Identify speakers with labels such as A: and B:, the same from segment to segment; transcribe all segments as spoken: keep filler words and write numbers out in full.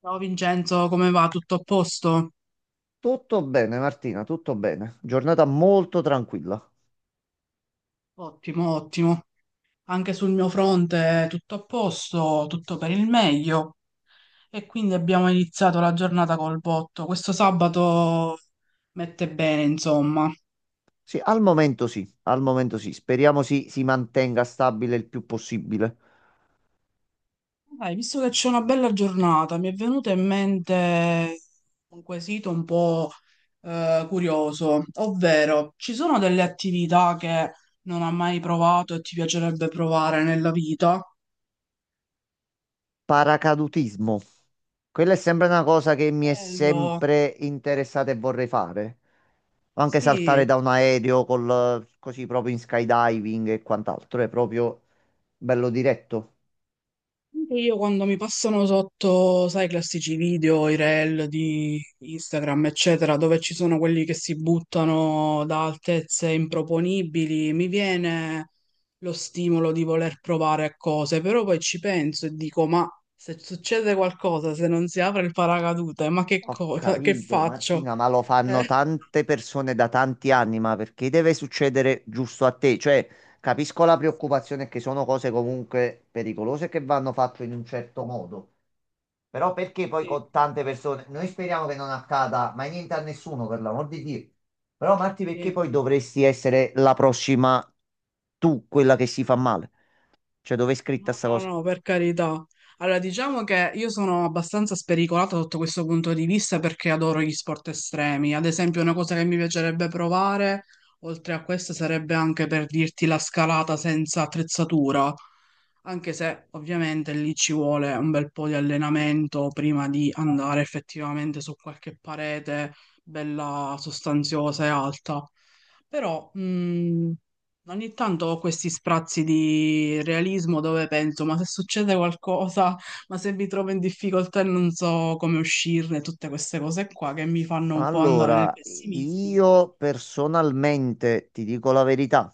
A: Ciao Vincenzo, come va? Tutto a posto?
B: Tutto bene, Martina, tutto bene. Giornata molto tranquilla.
A: Ottimo, ottimo. Anche sul mio fronte tutto a posto, tutto per il meglio. E quindi abbiamo iniziato la giornata col botto. Questo sabato mette bene, insomma.
B: Sì, al momento sì, al momento sì. Speriamo si, si mantenga stabile il più possibile.
A: Dai, visto che c'è una bella giornata, mi è venuto in mente un quesito un po' eh, curioso, ovvero ci sono delle attività che non hai mai provato e ti piacerebbe provare nella vita?
B: Paracadutismo. Quella è sempre una cosa che mi è
A: Bello,
B: sempre interessata e vorrei fare. O anche saltare
A: sì.
B: da un aereo col, così proprio in skydiving e quant'altro. È proprio bello diretto.
A: Anche io quando mi passano sotto, sai, i classici video, i reel di Instagram, eccetera, dove ci sono quelli che si buttano da altezze improponibili, mi viene lo stimolo di voler provare cose, però poi ci penso e dico, ma se succede qualcosa, se non si apre il paracadute, ma che
B: Ho
A: cosa, che
B: capito,
A: faccio?
B: Martina, ma lo
A: Eh,
B: fanno tante persone da tanti anni, ma perché deve succedere giusto a te? Cioè, capisco la preoccupazione che sono cose comunque pericolose che vanno fatte in un certo modo, però perché poi
A: sì,
B: con tante persone, noi speriamo che non accada mai niente a nessuno, per l'amor di Dio. Però Marti, perché
A: sì.
B: poi dovresti essere la prossima tu, quella che si fa male? Cioè, dove è scritta
A: No,
B: sta
A: no,
B: cosa?
A: no, per carità. Allora, diciamo che io sono abbastanza spericolata sotto questo punto di vista perché adoro gli sport estremi. Ad esempio, una cosa che mi piacerebbe provare, oltre a questo, sarebbe anche per dirti la scalata senza attrezzatura, anche se ovviamente lì ci vuole un bel po' di allenamento prima di andare effettivamente su qualche parete bella sostanziosa e alta. Però, mm, ogni tanto ho questi sprazzi di realismo dove penso, ma se succede qualcosa, ma se mi trovo in difficoltà e non so come uscirne, tutte queste cose qua che mi fanno un po' andare nel
B: Allora,
A: pessimismo.
B: io personalmente ti dico la verità.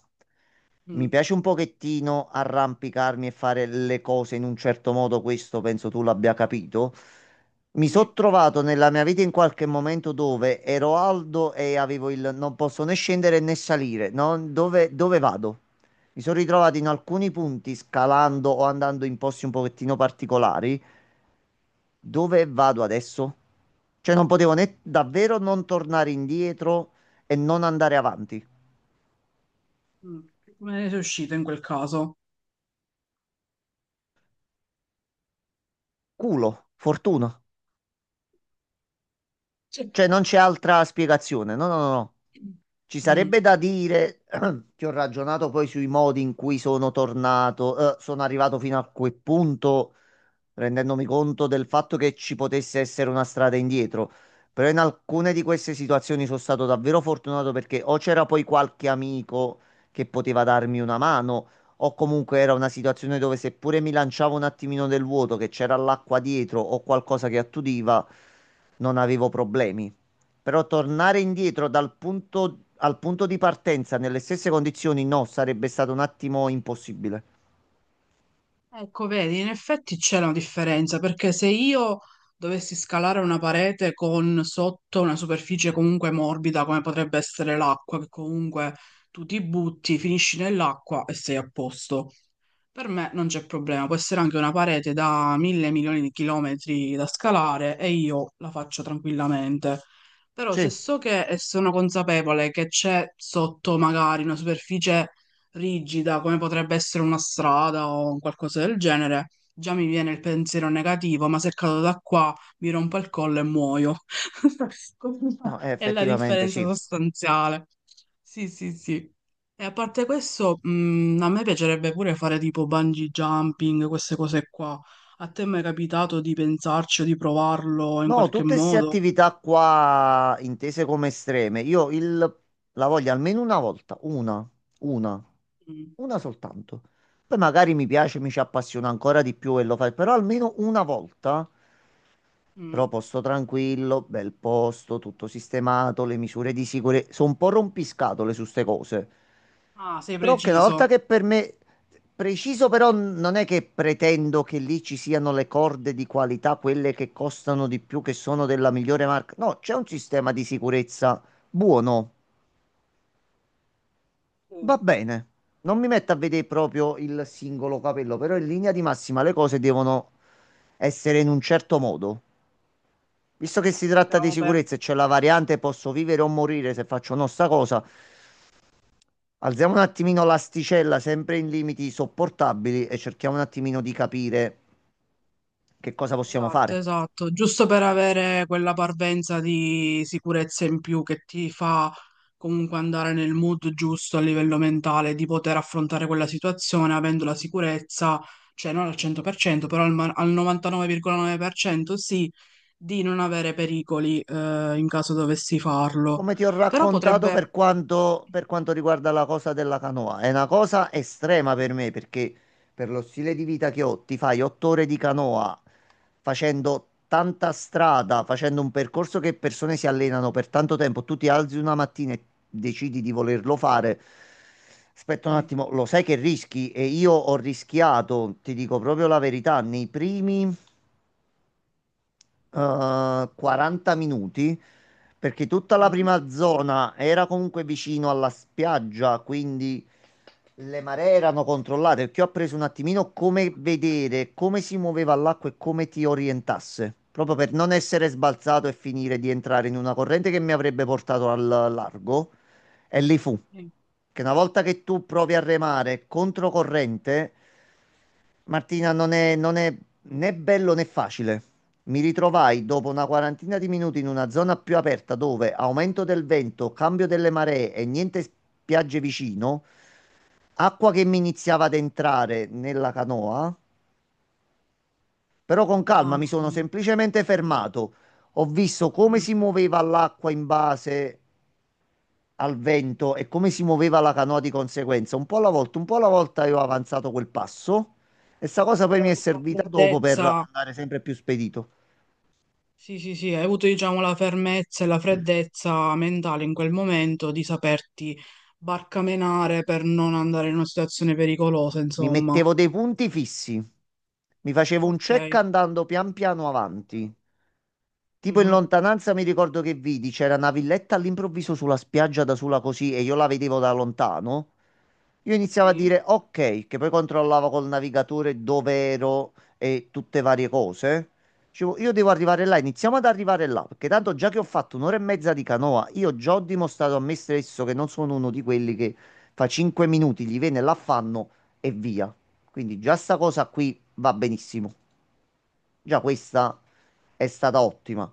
B: Mi
A: Mm,
B: piace un pochettino arrampicarmi e fare le cose in un certo modo, questo penso tu l'abbia capito. Mi sono
A: sì.
B: trovato nella mia vita in qualche momento dove ero alto e avevo il non posso né scendere né salire, no? Dove, dove vado? Mi sono ritrovato in alcuni punti scalando o andando in posti un pochettino particolari. Dove vado adesso? Cioè non potevo né davvero non tornare indietro e non andare avanti.
A: Mm. Come ne sei uscito in quel caso?
B: Culo, fortuna.
A: Cioè,
B: Cioè, non c'è altra spiegazione. No, no, no. No. Ci sarebbe
A: mm.
B: da dire che ho ragionato poi sui modi in cui sono tornato, eh, sono arrivato fino a quel punto rendendomi conto del fatto che ci potesse essere una strada indietro. Però in alcune di queste situazioni sono stato davvero fortunato perché o c'era poi qualche amico che poteva darmi una mano, o comunque era una situazione dove seppure mi lanciavo un attimino nel vuoto, che c'era l'acqua dietro o qualcosa che attudiva, non avevo problemi. Però tornare indietro dal punto, al punto di partenza nelle stesse condizioni, no, sarebbe stato un attimo impossibile.
A: Ecco, vedi, in effetti c'è una differenza perché se io dovessi scalare una parete con sotto una superficie comunque morbida, come potrebbe essere l'acqua, che comunque tu ti butti, finisci nell'acqua e sei a posto. Per me non c'è problema, può essere anche una parete da mille milioni di chilometri da scalare e io la faccio tranquillamente. Però
B: Sì,
A: se so che e sono consapevole che c'è sotto magari una superficie rigida, come potrebbe essere una strada o un qualcosa del genere, già mi viene il pensiero negativo, ma se cado da qua mi rompo il collo e muoio. Questa
B: no, eh,
A: è la
B: effettivamente
A: differenza
B: sì.
A: sostanziale. Sì, sì, sì. E a parte questo, mh, a me piacerebbe pure fare tipo bungee jumping, queste cose qua. A te è mai capitato di pensarci o di provarlo in
B: No,
A: qualche
B: tutte queste
A: modo?
B: attività qua intese come estreme, io il- la voglio almeno una volta, una, una,
A: Mm,
B: una soltanto. Poi magari mi piace, mi ci appassiona ancora di più e lo fai, però almeno una volta, però
A: mm.
B: posto tranquillo, bel posto, tutto sistemato, le misure di sicurezza, sono un po' rompiscatole su ste cose.
A: Ah, sei
B: Però che una volta
A: preciso.
B: che per me, preciso però non è che pretendo che lì ci siano le corde di qualità, quelle che costano di più, che sono della migliore marca. No, c'è un sistema di sicurezza buono, va
A: Sì,
B: bene. Non mi metto a vedere proprio il singolo capello, però in linea di massima le cose devono essere in un certo modo. Visto che
A: sì,
B: si tratta di
A: diciamo per
B: sicurezza e c'è la variante posso vivere o morire se faccio no sta cosa, alziamo un attimino l'asticella, sempre in limiti sopportabili, e cerchiamo un attimino di capire che cosa possiamo
A: esatto,
B: fare.
A: esatto, giusto per avere quella parvenza di sicurezza in più che ti fa comunque andare nel mood giusto a livello mentale di poter affrontare quella situazione avendo la sicurezza, cioè non al cento per cento, però al, ma- al novantanove virgola nove per cento sì, di non avere pericoli eh, in caso dovessi farlo.
B: Come ti ho
A: Però
B: raccontato
A: potrebbe...
B: per quanto, per quanto riguarda la cosa della canoa, è una cosa estrema per me perché per lo stile di vita che ho, ti fai otto ore di canoa facendo tanta strada, facendo un percorso che persone si allenano per tanto tempo, tu ti alzi una mattina e decidi di volerlo fare. Aspetta un
A: Sì.
B: attimo, lo sai che rischi? E io ho rischiato, ti dico proprio la verità, nei primi eh, quaranta minuti perché tutta la
A: Mm?
B: prima zona era comunque vicino alla spiaggia, quindi le maree erano controllate, perché io ho preso un attimino come vedere come si muoveva l'acqua e come ti orientasse, proprio per non essere sbalzato e finire di entrare in una corrente che mi avrebbe portato al largo. E lì fu,
A: Sì.
B: che una volta che tu provi a remare controcorrente Martina, non è, non è né bello né facile. Mi ritrovai dopo una quarantina di minuti in una zona più aperta dove aumento del vento, cambio delle maree e niente spiagge vicino, acqua che mi iniziava ad entrare nella canoa, però con calma mi
A: Mamma
B: sono
A: mia.
B: semplicemente fermato. Ho visto come
A: Mm.
B: si muoveva l'acqua in base al vento e come si muoveva la canoa di conseguenza, un po' alla volta, un po' alla volta io ho avanzato quel passo e sta cosa poi
A: Che
B: mi
A: ho
B: è
A: avuto una
B: servita dopo per
A: freddezza.
B: andare sempre più spedito.
A: Sì, sì, sì, hai avuto, diciamo, la fermezza e la freddezza mentale in quel momento di saperti barcamenare per non andare in una situazione pericolosa,
B: Mi
A: insomma.
B: mettevo dei punti fissi, mi facevo un check
A: Ok.
B: andando pian piano avanti. Tipo in
A: Mhm.
B: lontananza mi ricordo che vidi, c'era una villetta all'improvviso sulla spiaggia da sola così e io la vedevo da lontano. Io iniziavo a
A: Sì,
B: dire ok, che poi controllavo col navigatore dove ero e tutte varie cose. Dicevo, io devo arrivare là, iniziamo ad arrivare là, perché tanto già che ho fatto un'ora e mezza di canoa, io già ho dimostrato a me stesso che non sono uno di quelli che fa cinque minuti, gli viene l'affanno e via. Quindi già sta cosa qui va benissimo. Già questa è stata ottima.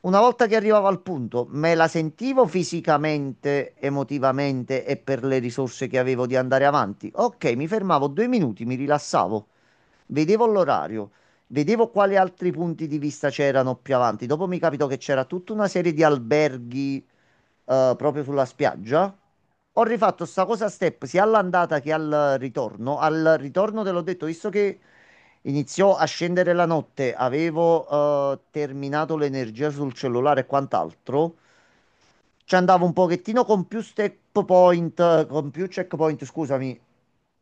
B: Una volta che arrivavo al punto, me la sentivo fisicamente, emotivamente e per le risorse che avevo di andare avanti. Ok, mi fermavo due minuti, mi rilassavo, vedevo l'orario, vedevo quali altri punti di vista c'erano più avanti. Dopo mi capito che c'era tutta una serie di alberghi eh, proprio sulla spiaggia. Ho rifatto sta cosa a step sia all'andata che al ritorno. Al ritorno te l'ho detto, visto che iniziò a scendere la notte, avevo eh, terminato l'energia sul cellulare e quant'altro. Ci andavo un pochettino con più step point, con più checkpoint, scusami,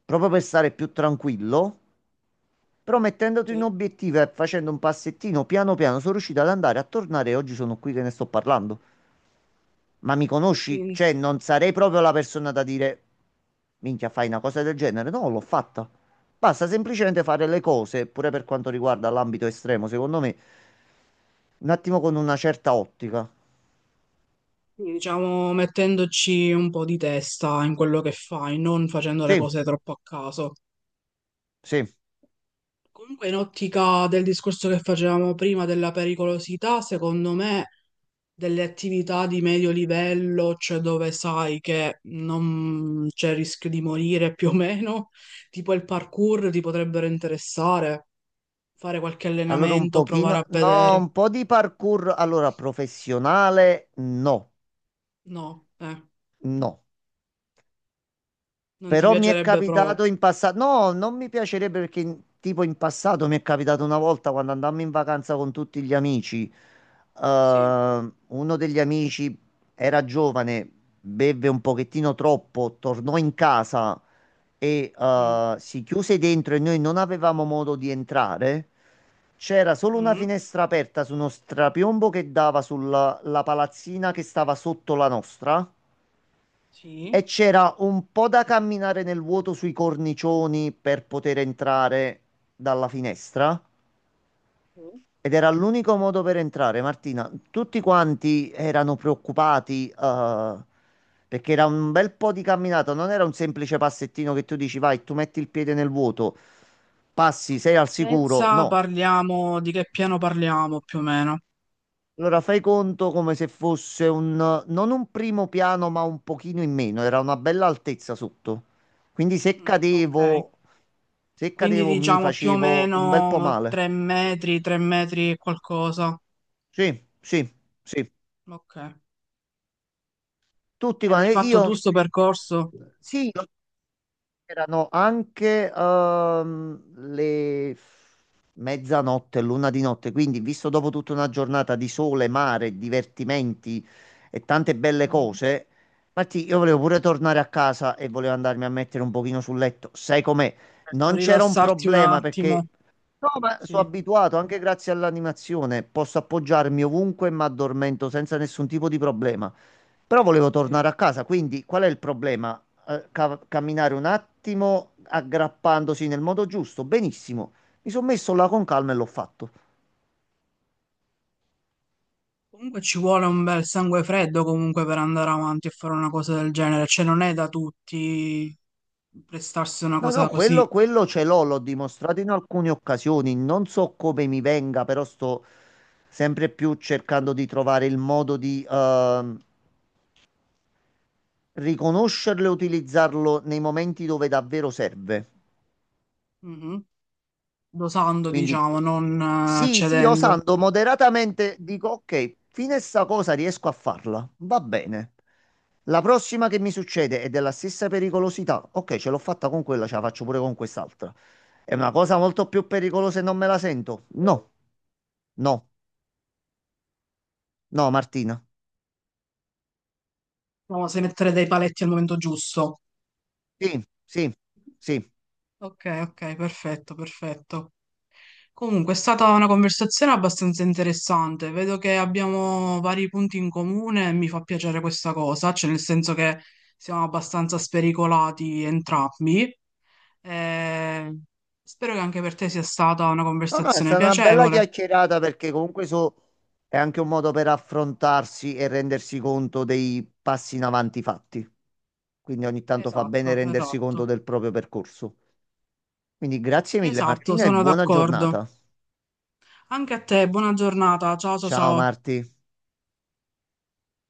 B: proprio per stare più tranquillo. Però mettendoti un
A: sì.
B: obiettivo e facendo un passettino piano piano sono riuscito ad andare a tornare e oggi sono qui che ne sto parlando. Ma mi conosci?
A: Sì,
B: Cioè, non sarei proprio la persona da dire, minchia, fai una cosa del genere. No, l'ho fatta. Basta semplicemente fare le cose, pure per quanto riguarda l'ambito estremo, secondo me, un attimo con una certa ottica.
A: sì, diciamo, mettendoci un po' di testa in quello che fai, non facendo le
B: Sì,
A: cose troppo a caso.
B: sì.
A: Comunque, in ottica del discorso che facevamo prima della pericolosità, secondo me, delle attività di medio livello, cioè dove sai che non c'è rischio di morire più o meno, tipo il parkour ti potrebbero interessare, fare qualche
B: Allora un
A: allenamento, provare
B: pochino,
A: a
B: no,
A: vedere.
B: un po' di parkour, allora professionale, no,
A: No, eh,
B: no.
A: non ti
B: Però mi è
A: piacerebbe
B: capitato
A: proprio.
B: in passato, no, non mi piacerebbe perché in- tipo in passato mi è capitato una volta quando andammo in vacanza con tutti gli amici,
A: Sì.
B: eh, uno degli amici era giovane, beve un pochettino troppo, tornò in casa e
A: Mm,
B: eh, si chiuse dentro e noi non avevamo modo di entrare. C'era solo una
A: mm,
B: finestra aperta su uno strapiombo che dava sulla la palazzina che stava sotto la nostra. E
A: sì.
B: c'era un po' da camminare nel vuoto sui cornicioni per poter entrare dalla finestra.
A: Mm.
B: Ed era l'unico modo per entrare, Martina. Tutti quanti erano preoccupati, eh, perché era un bel po' di camminata. Non era un semplice passettino che tu dici, vai, tu metti il piede nel vuoto, passi, sei al sicuro.
A: Altezza,
B: No,
A: parliamo di che piano parliamo più o meno.
B: allora, fai conto come se fosse un, non un primo piano, ma un pochino in meno, era una bella altezza sotto. Quindi se
A: Mm, ok.
B: cadevo, se
A: Quindi
B: cadevo mi
A: diciamo più o
B: facevo un bel po'
A: meno
B: male.
A: tre metri, tre metri e qualcosa.
B: Sì, sì, sì.
A: Ok.
B: Tutti
A: E l'hai
B: quanti,
A: fatto tu
B: io,
A: sto percorso?
B: sì, erano anche ehm, le mezzanotte, l'una di notte, quindi visto dopo tutta una giornata di sole, mare, divertimenti e tante belle
A: Mm,
B: cose, Martì, io volevo pure tornare a casa e volevo andarmi a mettere un pochino sul letto. Sai com'è?
A: certo,
B: Non c'era un
A: rilassarti un
B: problema perché
A: attimo.
B: no, ma sono
A: Sì,
B: abituato, anche grazie all'animazione, posso appoggiarmi ovunque e mi addormento senza nessun tipo di problema. Però volevo
A: sì.
B: tornare a casa, quindi qual è il problema? Eh, ca- camminare un attimo aggrappandosi nel modo giusto, benissimo. Mi sono messo là con calma e l'ho fatto.
A: Comunque ci vuole un bel sangue freddo comunque per andare avanti e fare una cosa del genere. Cioè non è da tutti prestarsi una
B: No, no,
A: cosa
B: quello,
A: così.
B: quello ce l'ho, l'ho dimostrato in alcune occasioni. Non so come mi venga, però sto sempre più cercando di trovare il modo di ehm, riconoscerlo e utilizzarlo nei momenti dove davvero serve.
A: Mhm. Dosando,
B: Quindi
A: diciamo, non eh,
B: sì, sì,
A: cedendo.
B: osando moderatamente dico, ok, fino a sta cosa riesco a farla, va bene. La prossima che mi succede è della stessa pericolosità. Ok, ce l'ho fatta con quella, ce la faccio pure con quest'altra. È una cosa molto più pericolosa e non me la sento. No, no, no, Martina.
A: Proviamo a mettere dei paletti al momento giusto.
B: Sì, sì, sì.
A: Ok, ok, perfetto, perfetto. Comunque è stata una conversazione abbastanza interessante. Vedo che abbiamo vari punti in comune e mi fa piacere questa cosa, cioè nel senso che siamo abbastanza spericolati entrambi. Eh, spero che anche per te sia stata una
B: No, no, è
A: conversazione
B: stata una bella
A: piacevole.
B: chiacchierata perché comunque so, è anche un modo per affrontarsi e rendersi conto dei passi in avanti fatti. Quindi ogni tanto fa bene
A: Esatto,
B: rendersi conto
A: esatto.
B: del proprio percorso. Quindi grazie mille
A: Esatto,
B: Martina e
A: sono
B: buona
A: d'accordo.
B: giornata.
A: Anche a te, buona giornata. Ciao, ciao,
B: Ciao
A: ciao.
B: Marti.